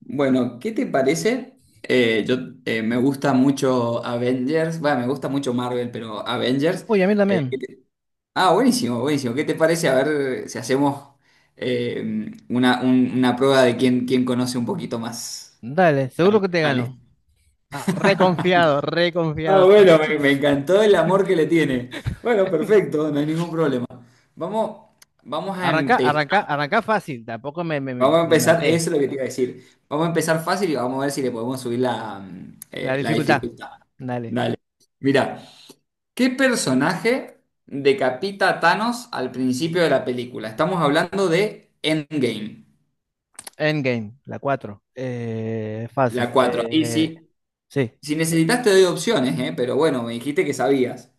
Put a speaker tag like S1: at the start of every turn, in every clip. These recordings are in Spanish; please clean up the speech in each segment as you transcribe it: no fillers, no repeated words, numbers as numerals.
S1: Bueno, ¿qué te parece? Yo Me gusta mucho Avengers, bueno, me gusta mucho Marvel, pero Avengers.
S2: Uy, a mí
S1: eh,
S2: también.
S1: ah, buenísimo, buenísimo. ¿Qué te parece? A ver si hacemos una prueba de quién conoce un poquito más.
S2: Dale, seguro que te
S1: Vale.
S2: gano. Ah, reconfiado,
S1: Ah,
S2: reconfiado.
S1: bueno, me encantó el amor que le tiene. Bueno, perfecto, no hay ningún problema. Vamos, vamos a
S2: Arranca,
S1: empezar.
S2: arranca, arranca fácil. Tampoco me, me, me-
S1: Vamos a
S2: me
S1: empezar, eso
S2: maté.
S1: es lo que te iba a decir. Vamos a empezar fácil y vamos a ver si le podemos subir la, mm,
S2: La
S1: eh, la
S2: dificultad.
S1: dificultad.
S2: Dale.
S1: Dale. Mira, ¿qué personaje decapita a Thanos al principio de la película? Estamos hablando de Endgame,
S2: Endgame, la 4.
S1: la
S2: Fácil.
S1: 4. Y si,
S2: Sí.
S1: si necesitas te doy opciones, ¿eh? Pero bueno, me dijiste que sabías.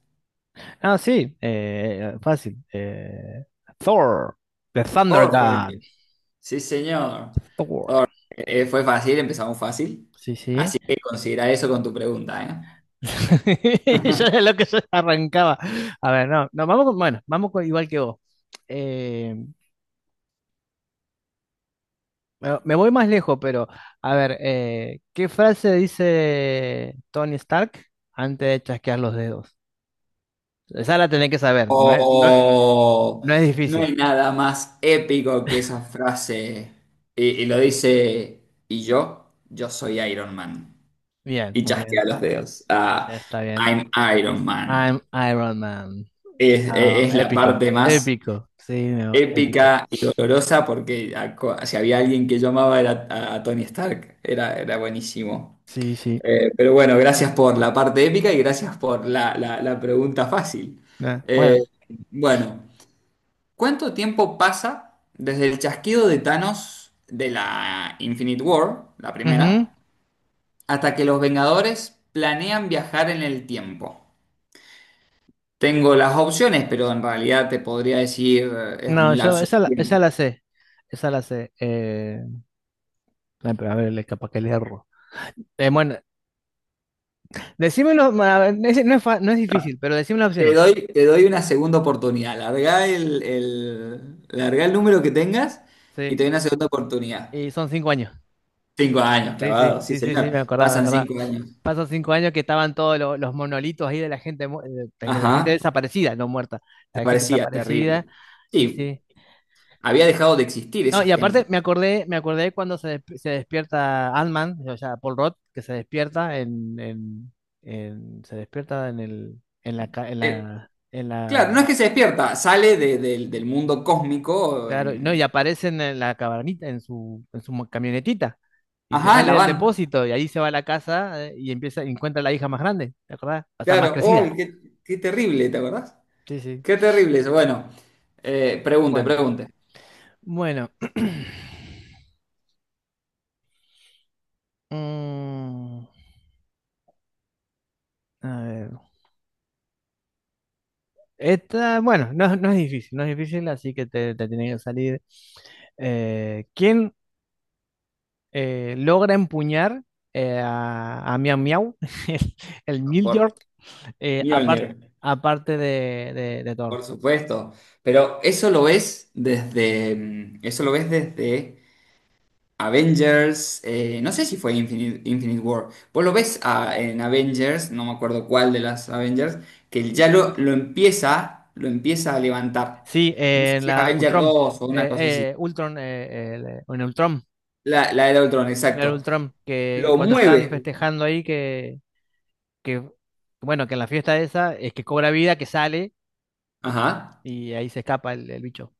S2: Ah, sí. Fácil. Thor. The Thunder
S1: Thor fue el
S2: God.
S1: que- Sí, señor.
S2: Thor.
S1: Fue fácil, empezamos fácil.
S2: Sí, sí.
S1: Así que considera eso con tu pregunta, ¿eh?
S2: Yo era lo que yo arrancaba. A ver, no, no, vamos con, bueno, vamos con igual que vos. Eh, Bueno, me voy más lejos, pero a ver, ¿qué frase dice Tony Stark antes de chasquear los dedos? Esa la tenés que saber, no es, no es-
S1: Oh,
S2: no es
S1: no
S2: difícil.
S1: hay nada más épico que esa frase. Y lo dice, y yo soy Iron Man.
S2: Bien,
S1: Y
S2: muy bien,
S1: chasquea los dedos. Ah,
S2: ya está bien.
S1: I'm Iron Man.
S2: I'm Iron Man.
S1: Es, es-
S2: Ah,
S1: es la
S2: épico,
S1: parte más
S2: épico, sí, no, épico.
S1: épica y dolorosa porque si había alguien que yo amaba era a Tony Stark. Era buenísimo.
S2: Sí, sí.
S1: Pero bueno, gracias por la parte épica y gracias por la pregunta fácil.
S2: Ah,
S1: Eh,
S2: bueno,
S1: bueno. ¿Cuánto tiempo pasa desde el chasquido de Thanos de la Infinite War, la
S2: ujú.
S1: primera, hasta que los Vengadores planean viajar en el tiempo? Tengo las opciones, pero en realidad te podría decir es
S2: No,
S1: un
S2: yo
S1: lapso
S2: esa la,
S1: de
S2: esa
S1: tiempo.
S2: la sé, esa la sé. Ay, pero a ver, capaz que le erro. Bueno, decímelo, a ver, no es difícil, pero decime las
S1: Te
S2: opciones.
S1: doy, te doy una segunda oportunidad. Largá el número que tengas y
S2: Sí.
S1: te doy una segunda oportunidad.
S2: Y son 5 años.
S1: 5 años,
S2: Sí, sí,
S1: clavado, sí,
S2: sí, sí,
S1: señor.
S2: sí, me acordaba, me
S1: Pasan
S2: acordaba.
S1: 5 años.
S2: Pasan 5 años que estaban todos los monolitos ahí de la gente, de la gente
S1: Ajá,
S2: desaparecida, no muerta,
S1: te
S2: la gente
S1: parecía terrible.
S2: desaparecida, y
S1: Sí,
S2: sí.
S1: había dejado de existir
S2: No,
S1: esa
S2: y aparte
S1: gente.
S2: me acordé cuando se despierta Ant-Man, o sea, Paul Rudd, que se despierta se despierta en el, en la, ca-
S1: Eh,
S2: en la
S1: claro, no es que se despierta, sale del mundo cósmico
S2: Claro, no, y
S1: en...
S2: aparecen en la cabanita, en su camionetita, y que
S1: Ajá, en
S2: sale
S1: la
S2: del
S1: van.
S2: depósito, y ahí se va a la casa, y empieza, y encuentra a la hija más grande, ¿te acordás? O sea, más
S1: Claro, oh,
S2: crecida.
S1: qué terrible, ¿te acordás?
S2: Sí, sí.
S1: Qué terrible eso. Bueno, pregunte,
S2: Bueno,
S1: pregunte.
S2: bueno. Mm, a ver. Esta, bueno, no, no es difícil, no es difícil, así que te tiene que salir. ¿Quién logra empuñar, a Miau Miau, el, el
S1: Por
S2: Milord, eh,
S1: Mjolnir,
S2: apar- aparte de Thor?
S1: por supuesto. Eso lo ves desde Avengers, no sé si fue Infinite War. Vos lo ves en Avengers, no me acuerdo cuál de las Avengers, que ya lo empieza a levantar.
S2: Sí,
S1: No sé
S2: en
S1: si es
S2: la
S1: Avengers
S2: Ultron.
S1: dos o una
S2: Eh,
S1: cosa así.
S2: Ultron, en Ultron.
S1: La era de Ultron,
S2: En el
S1: exacto.
S2: Ultron, que
S1: Lo
S2: cuando están
S1: mueve.
S2: festejando ahí, que bueno, que en la fiesta esa es que cobra vida, que sale
S1: Ajá.
S2: y ahí se escapa el bicho.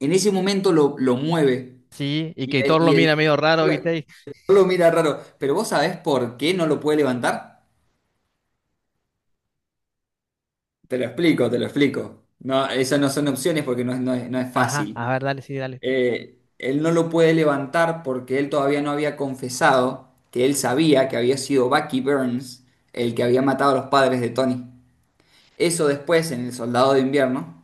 S1: En ese momento lo mueve.
S2: Sí, y
S1: Y
S2: que
S1: él,
S2: Thor lo
S1: y él
S2: mira medio raro, ¿viste?
S1: lo mira raro. Pero vos sabés por qué no lo puede levantar. Te lo explico, te lo explico. No, esas no son opciones porque no, es- no es no es
S2: Ajá,
S1: fácil.
S2: a ver, dale, sí, dale.
S1: Él no lo puede levantar porque él todavía no había confesado que él sabía que había sido Bucky Burns el que había matado a los padres de Tony. Eso después en El Soldado de Invierno,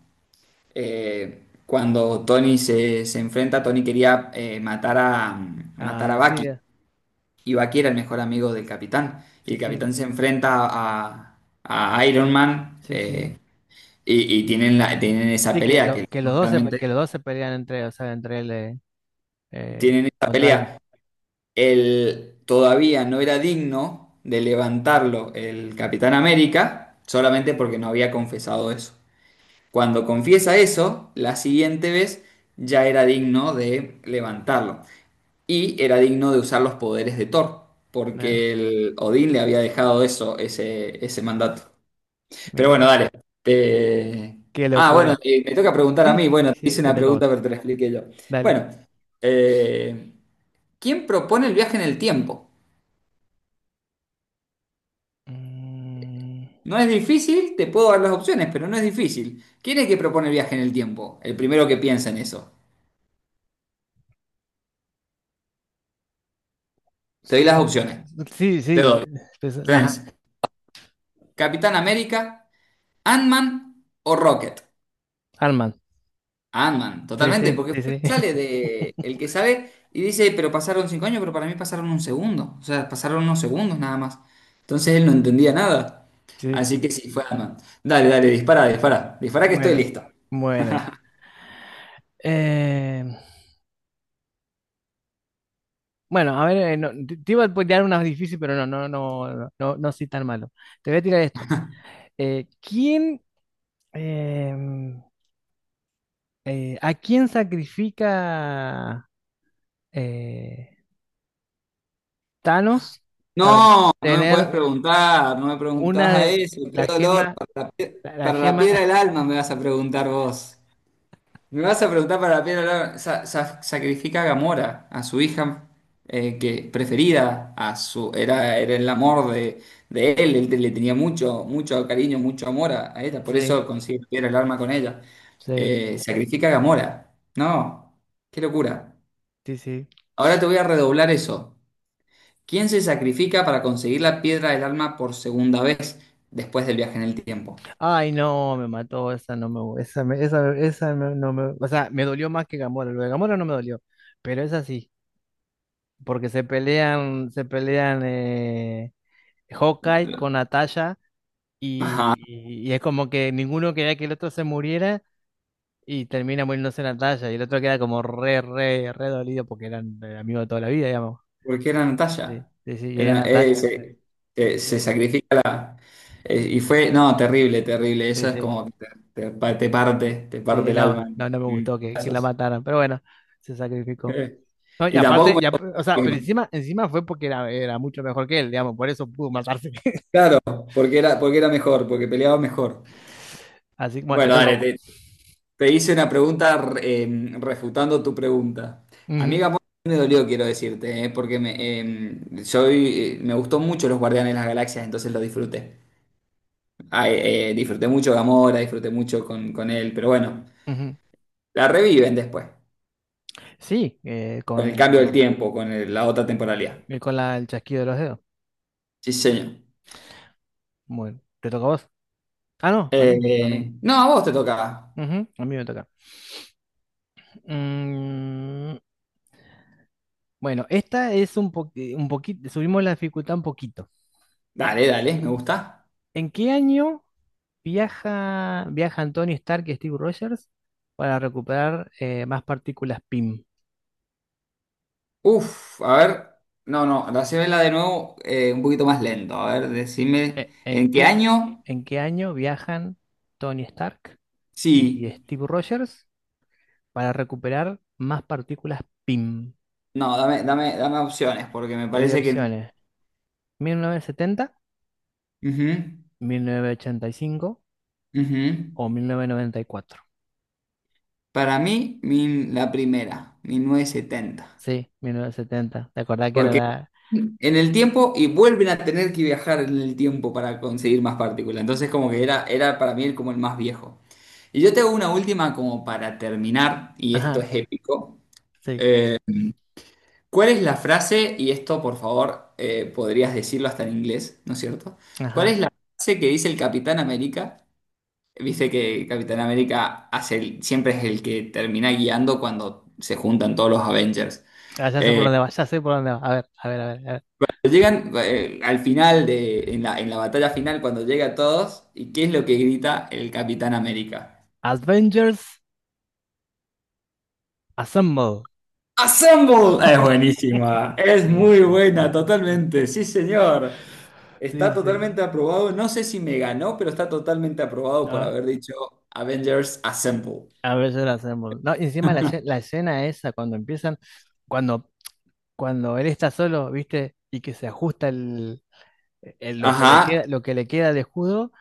S1: cuando Tony se enfrenta, Tony quería matar a
S2: Ah, sí,
S1: Bucky y Bucky era el mejor amigo del capitán. Y
S2: sí,
S1: el
S2: sí,
S1: capitán se enfrenta a Iron Man
S2: sí, sí.
S1: y tienen, tienen esa
S2: Sí,
S1: pelea que
S2: los
S1: realmente
S2: dos se pelean entre, o sea, entre él, eh,
S1: tienen esa
S2: contra él.
S1: pelea. Él todavía no era digno de levantarlo el Capitán América solamente porque no había confesado eso. Cuando confiesa eso, la siguiente vez ya era digno de levantarlo y era digno de usar los poderes de Thor
S2: Mira,
S1: porque el Odín le había dejado ese mandato. Pero bueno,
S2: mira,
S1: dale. Te-
S2: qué
S1: Ah, bueno,
S2: locura.
S1: y me toca preguntar a
S2: Sí,
S1: mí. Bueno,
S2: sí,
S1: te
S2: sí,
S1: hice
S2: te
S1: una
S2: toca a vos.
S1: pregunta, pero te la expliqué yo.
S2: Dale.
S1: Bueno, eh, ¿quién propone el viaje en el tiempo?
S2: Mm,
S1: No es difícil, te puedo dar las opciones, pero no es difícil. ¿Quién es el que propone el viaje en el tiempo? El primero que piensa en eso. Te doy las
S2: Slow-
S1: opciones.
S2: Sí,
S1: Te
S2: sí, pues,
S1: doy.
S2: pues,
S1: Tenés
S2: ajá,
S1: Capitán América, Ant-Man o Rocket.
S2: Arman.
S1: Ant-Man,
S2: Sí,
S1: totalmente,
S2: sí,
S1: porque
S2: sí,
S1: fue el
S2: sí.
S1: que sale de el que sabe y dice, pero pasaron 5 años, pero para mí pasaron un segundo. O sea, pasaron unos segundos nada más. Entonces él no entendía nada.
S2: Sí.
S1: Así que sí, fue Ant-Man. Dale, dale, dispara, dispara. Dispara que estoy
S2: Bueno,
S1: listo.
S2: bueno. Eh, bueno, a ver, no, te iba a tirar unas difíciles, pero no, no, no, no, no, no soy tan malo. Te voy a tirar esto. Eh, ¿quién, em, a quién sacrifica, eh, Thanos para
S1: No, no me
S2: tener
S1: puedes preguntar, no me preguntabas
S2: una
S1: a
S2: de
S1: eso, qué
S2: la
S1: dolor,
S2: gema,
S1: para la, pie-
S2: la
S1: para la
S2: gema?
S1: piedra del alma me vas a preguntar vos. Me vas a preguntar para la piedra del alma, sacrifica a Gamora, a su hija que preferida, era el amor de él, él le tenía mucho, mucho cariño, mucho amor a ella, por
S2: Sí,
S1: eso consigue la piedra del alma con ella.
S2: sí,
S1: Sacrifica a Gamora, no, qué locura.
S2: sí, sí.
S1: Ahora te voy a redoblar eso. ¿Quién se sacrifica para conseguir la piedra del alma por segunda vez después del viaje en el tiempo?
S2: Ay, no, me mató, esa no me gu- esa, me- esa no, no me, o sea, me dolió más que Gamora, lo de Gamora no me dolió, pero es así, porque se pelean, Hawkeye con Natasha,
S1: Ajá,
S2: y es como que ninguno quería que el otro se muriera y termina muriéndose Natasha y el otro queda como re, re, re dolido porque eran, amigos de toda la vida, digamos.
S1: porque era
S2: Sí,
S1: Natalia.
S2: sí, sí, y era
S1: Era, eh,
S2: Natasha,
S1: se, se
S2: sí,
S1: sacrifica la. Y fue, no, terrible, terrible.
S2: sí, sí,
S1: Eso es
S2: sí,
S1: como que te parte
S2: sí,
S1: el
S2: no,
S1: alma
S2: no, no me
S1: en
S2: gustó que la
S1: pedazos.
S2: mataran, pero bueno, se sacrificó.
S1: Eh,
S2: No, y
S1: Y
S2: aparte,
S1: tampoco
S2: ya, o sea, pero
S1: me-
S2: encima, encima fue porque era, mucho mejor que él, digamos, por eso pudo matarse.
S1: Claro, porque era, mejor, porque peleaba mejor.
S2: Así que, bueno, te
S1: Bueno,
S2: toca a
S1: dale,
S2: vos.
S1: te, Te hice una pregunta refutando tu pregunta.
S2: Ujú,
S1: Amiga, me dolió, quiero decirte, me gustó mucho los Guardianes de las Galaxias, entonces lo disfruté. Ah, disfruté mucho Gamora, disfruté mucho con él, pero bueno,
S2: ujú.
S1: la reviven después,
S2: Sí,
S1: con el cambio del tiempo, la otra temporalidad.
S2: con el chasquido de los dedos.
S1: Sí, señor.
S2: Bueno, te toca a vos. Ah, no, a mí, a mí.
S1: No, a vos te toca.
S2: Ujú, a mí me toca. Mm, bueno, esta es un poquito, subimos la dificultad un poquito.
S1: Dale, dale, me gusta.
S2: ¿En qué año viajan Tony Stark y Steve Rogers para recuperar, más partículas PIM?
S1: Uf, a ver. No, no, la de nuevo un poquito más lento. A ver, decime,
S2: Eh, ¿En
S1: ¿en qué
S2: qué,
S1: año?
S2: en qué año viajan Tony Stark y
S1: Sí,
S2: Steve Rogers para recuperar más partículas PIM?
S1: no, dame, dame, dame opciones, porque me
S2: Te doy
S1: parece que...
S2: opciones: 1970,
S1: Ujú,
S2: 1985
S1: ujú.
S2: o 1994.
S1: Para mí, la primera, 1970.
S2: Sí, 1970. ¿Te acordás que era
S1: Porque
S2: la…?
S1: en el tiempo, y vuelven a tener que viajar en el tiempo para conseguir más partículas. Entonces, como que era para mí como el más viejo. Y yo tengo una última como para terminar, y esto
S2: Ajá,
S1: es épico.
S2: sí,
S1: ¿Cuál es la frase, y esto por favor podrías decirlo hasta en inglés, ¿no es cierto? ¿Cuál
S2: ajá.
S1: es la frase que dice el Capitán América? Viste que Capitán América hace siempre es el que termina guiando cuando se juntan todos los Avengers.
S2: Ah, ya sé por
S1: Eh,
S2: dónde va, ya sé por dónde va. A ver, a ver, a ver. A ver.
S1: Llegan al final en la batalla final, cuando llega a todos, ¿y qué es lo que grita el Capitán América?
S2: Avengers Assemble.
S1: ¡Assemble! Es buenísima, es
S2: Sí,
S1: muy
S2: sí, sí,
S1: buena,
S2: sí.
S1: totalmente, sí señor. Está
S2: Sí, sí.
S1: totalmente aprobado, no sé si me ganó, pero está totalmente aprobado por
S2: No.
S1: haber dicho Avengers Assemble.
S2: A veces la hacemos. No, y encima la, la escena esa, cuando empiezan, cuando, cuando él está solo, ¿viste? Y que se ajusta el, lo que
S1: Ajá,
S2: le queda, lo que le queda de escudo.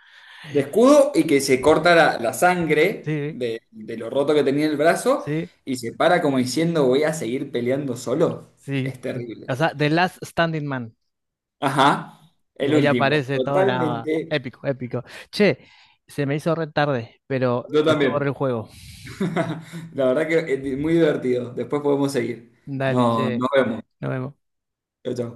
S1: de escudo y que se corta la sangre
S2: Sí,
S1: de lo roto que tenía el brazo
S2: sí,
S1: y se para como diciendo voy a seguir peleando solo.
S2: sí.
S1: Es terrible.
S2: O sea, The Last Standing Man.
S1: Ajá,
S2: Y
S1: el
S2: ahí
S1: último.
S2: aparece todo, nada,
S1: Totalmente.
S2: épico, épico. Che, se me hizo re tarde, pero
S1: Yo
S2: estuvo
S1: también.
S2: re el juego.
S1: La verdad que es muy divertido. Después podemos seguir.
S2: Dale,
S1: No,
S2: che,
S1: nos vemos.
S2: nos vemos.
S1: Chao, chao.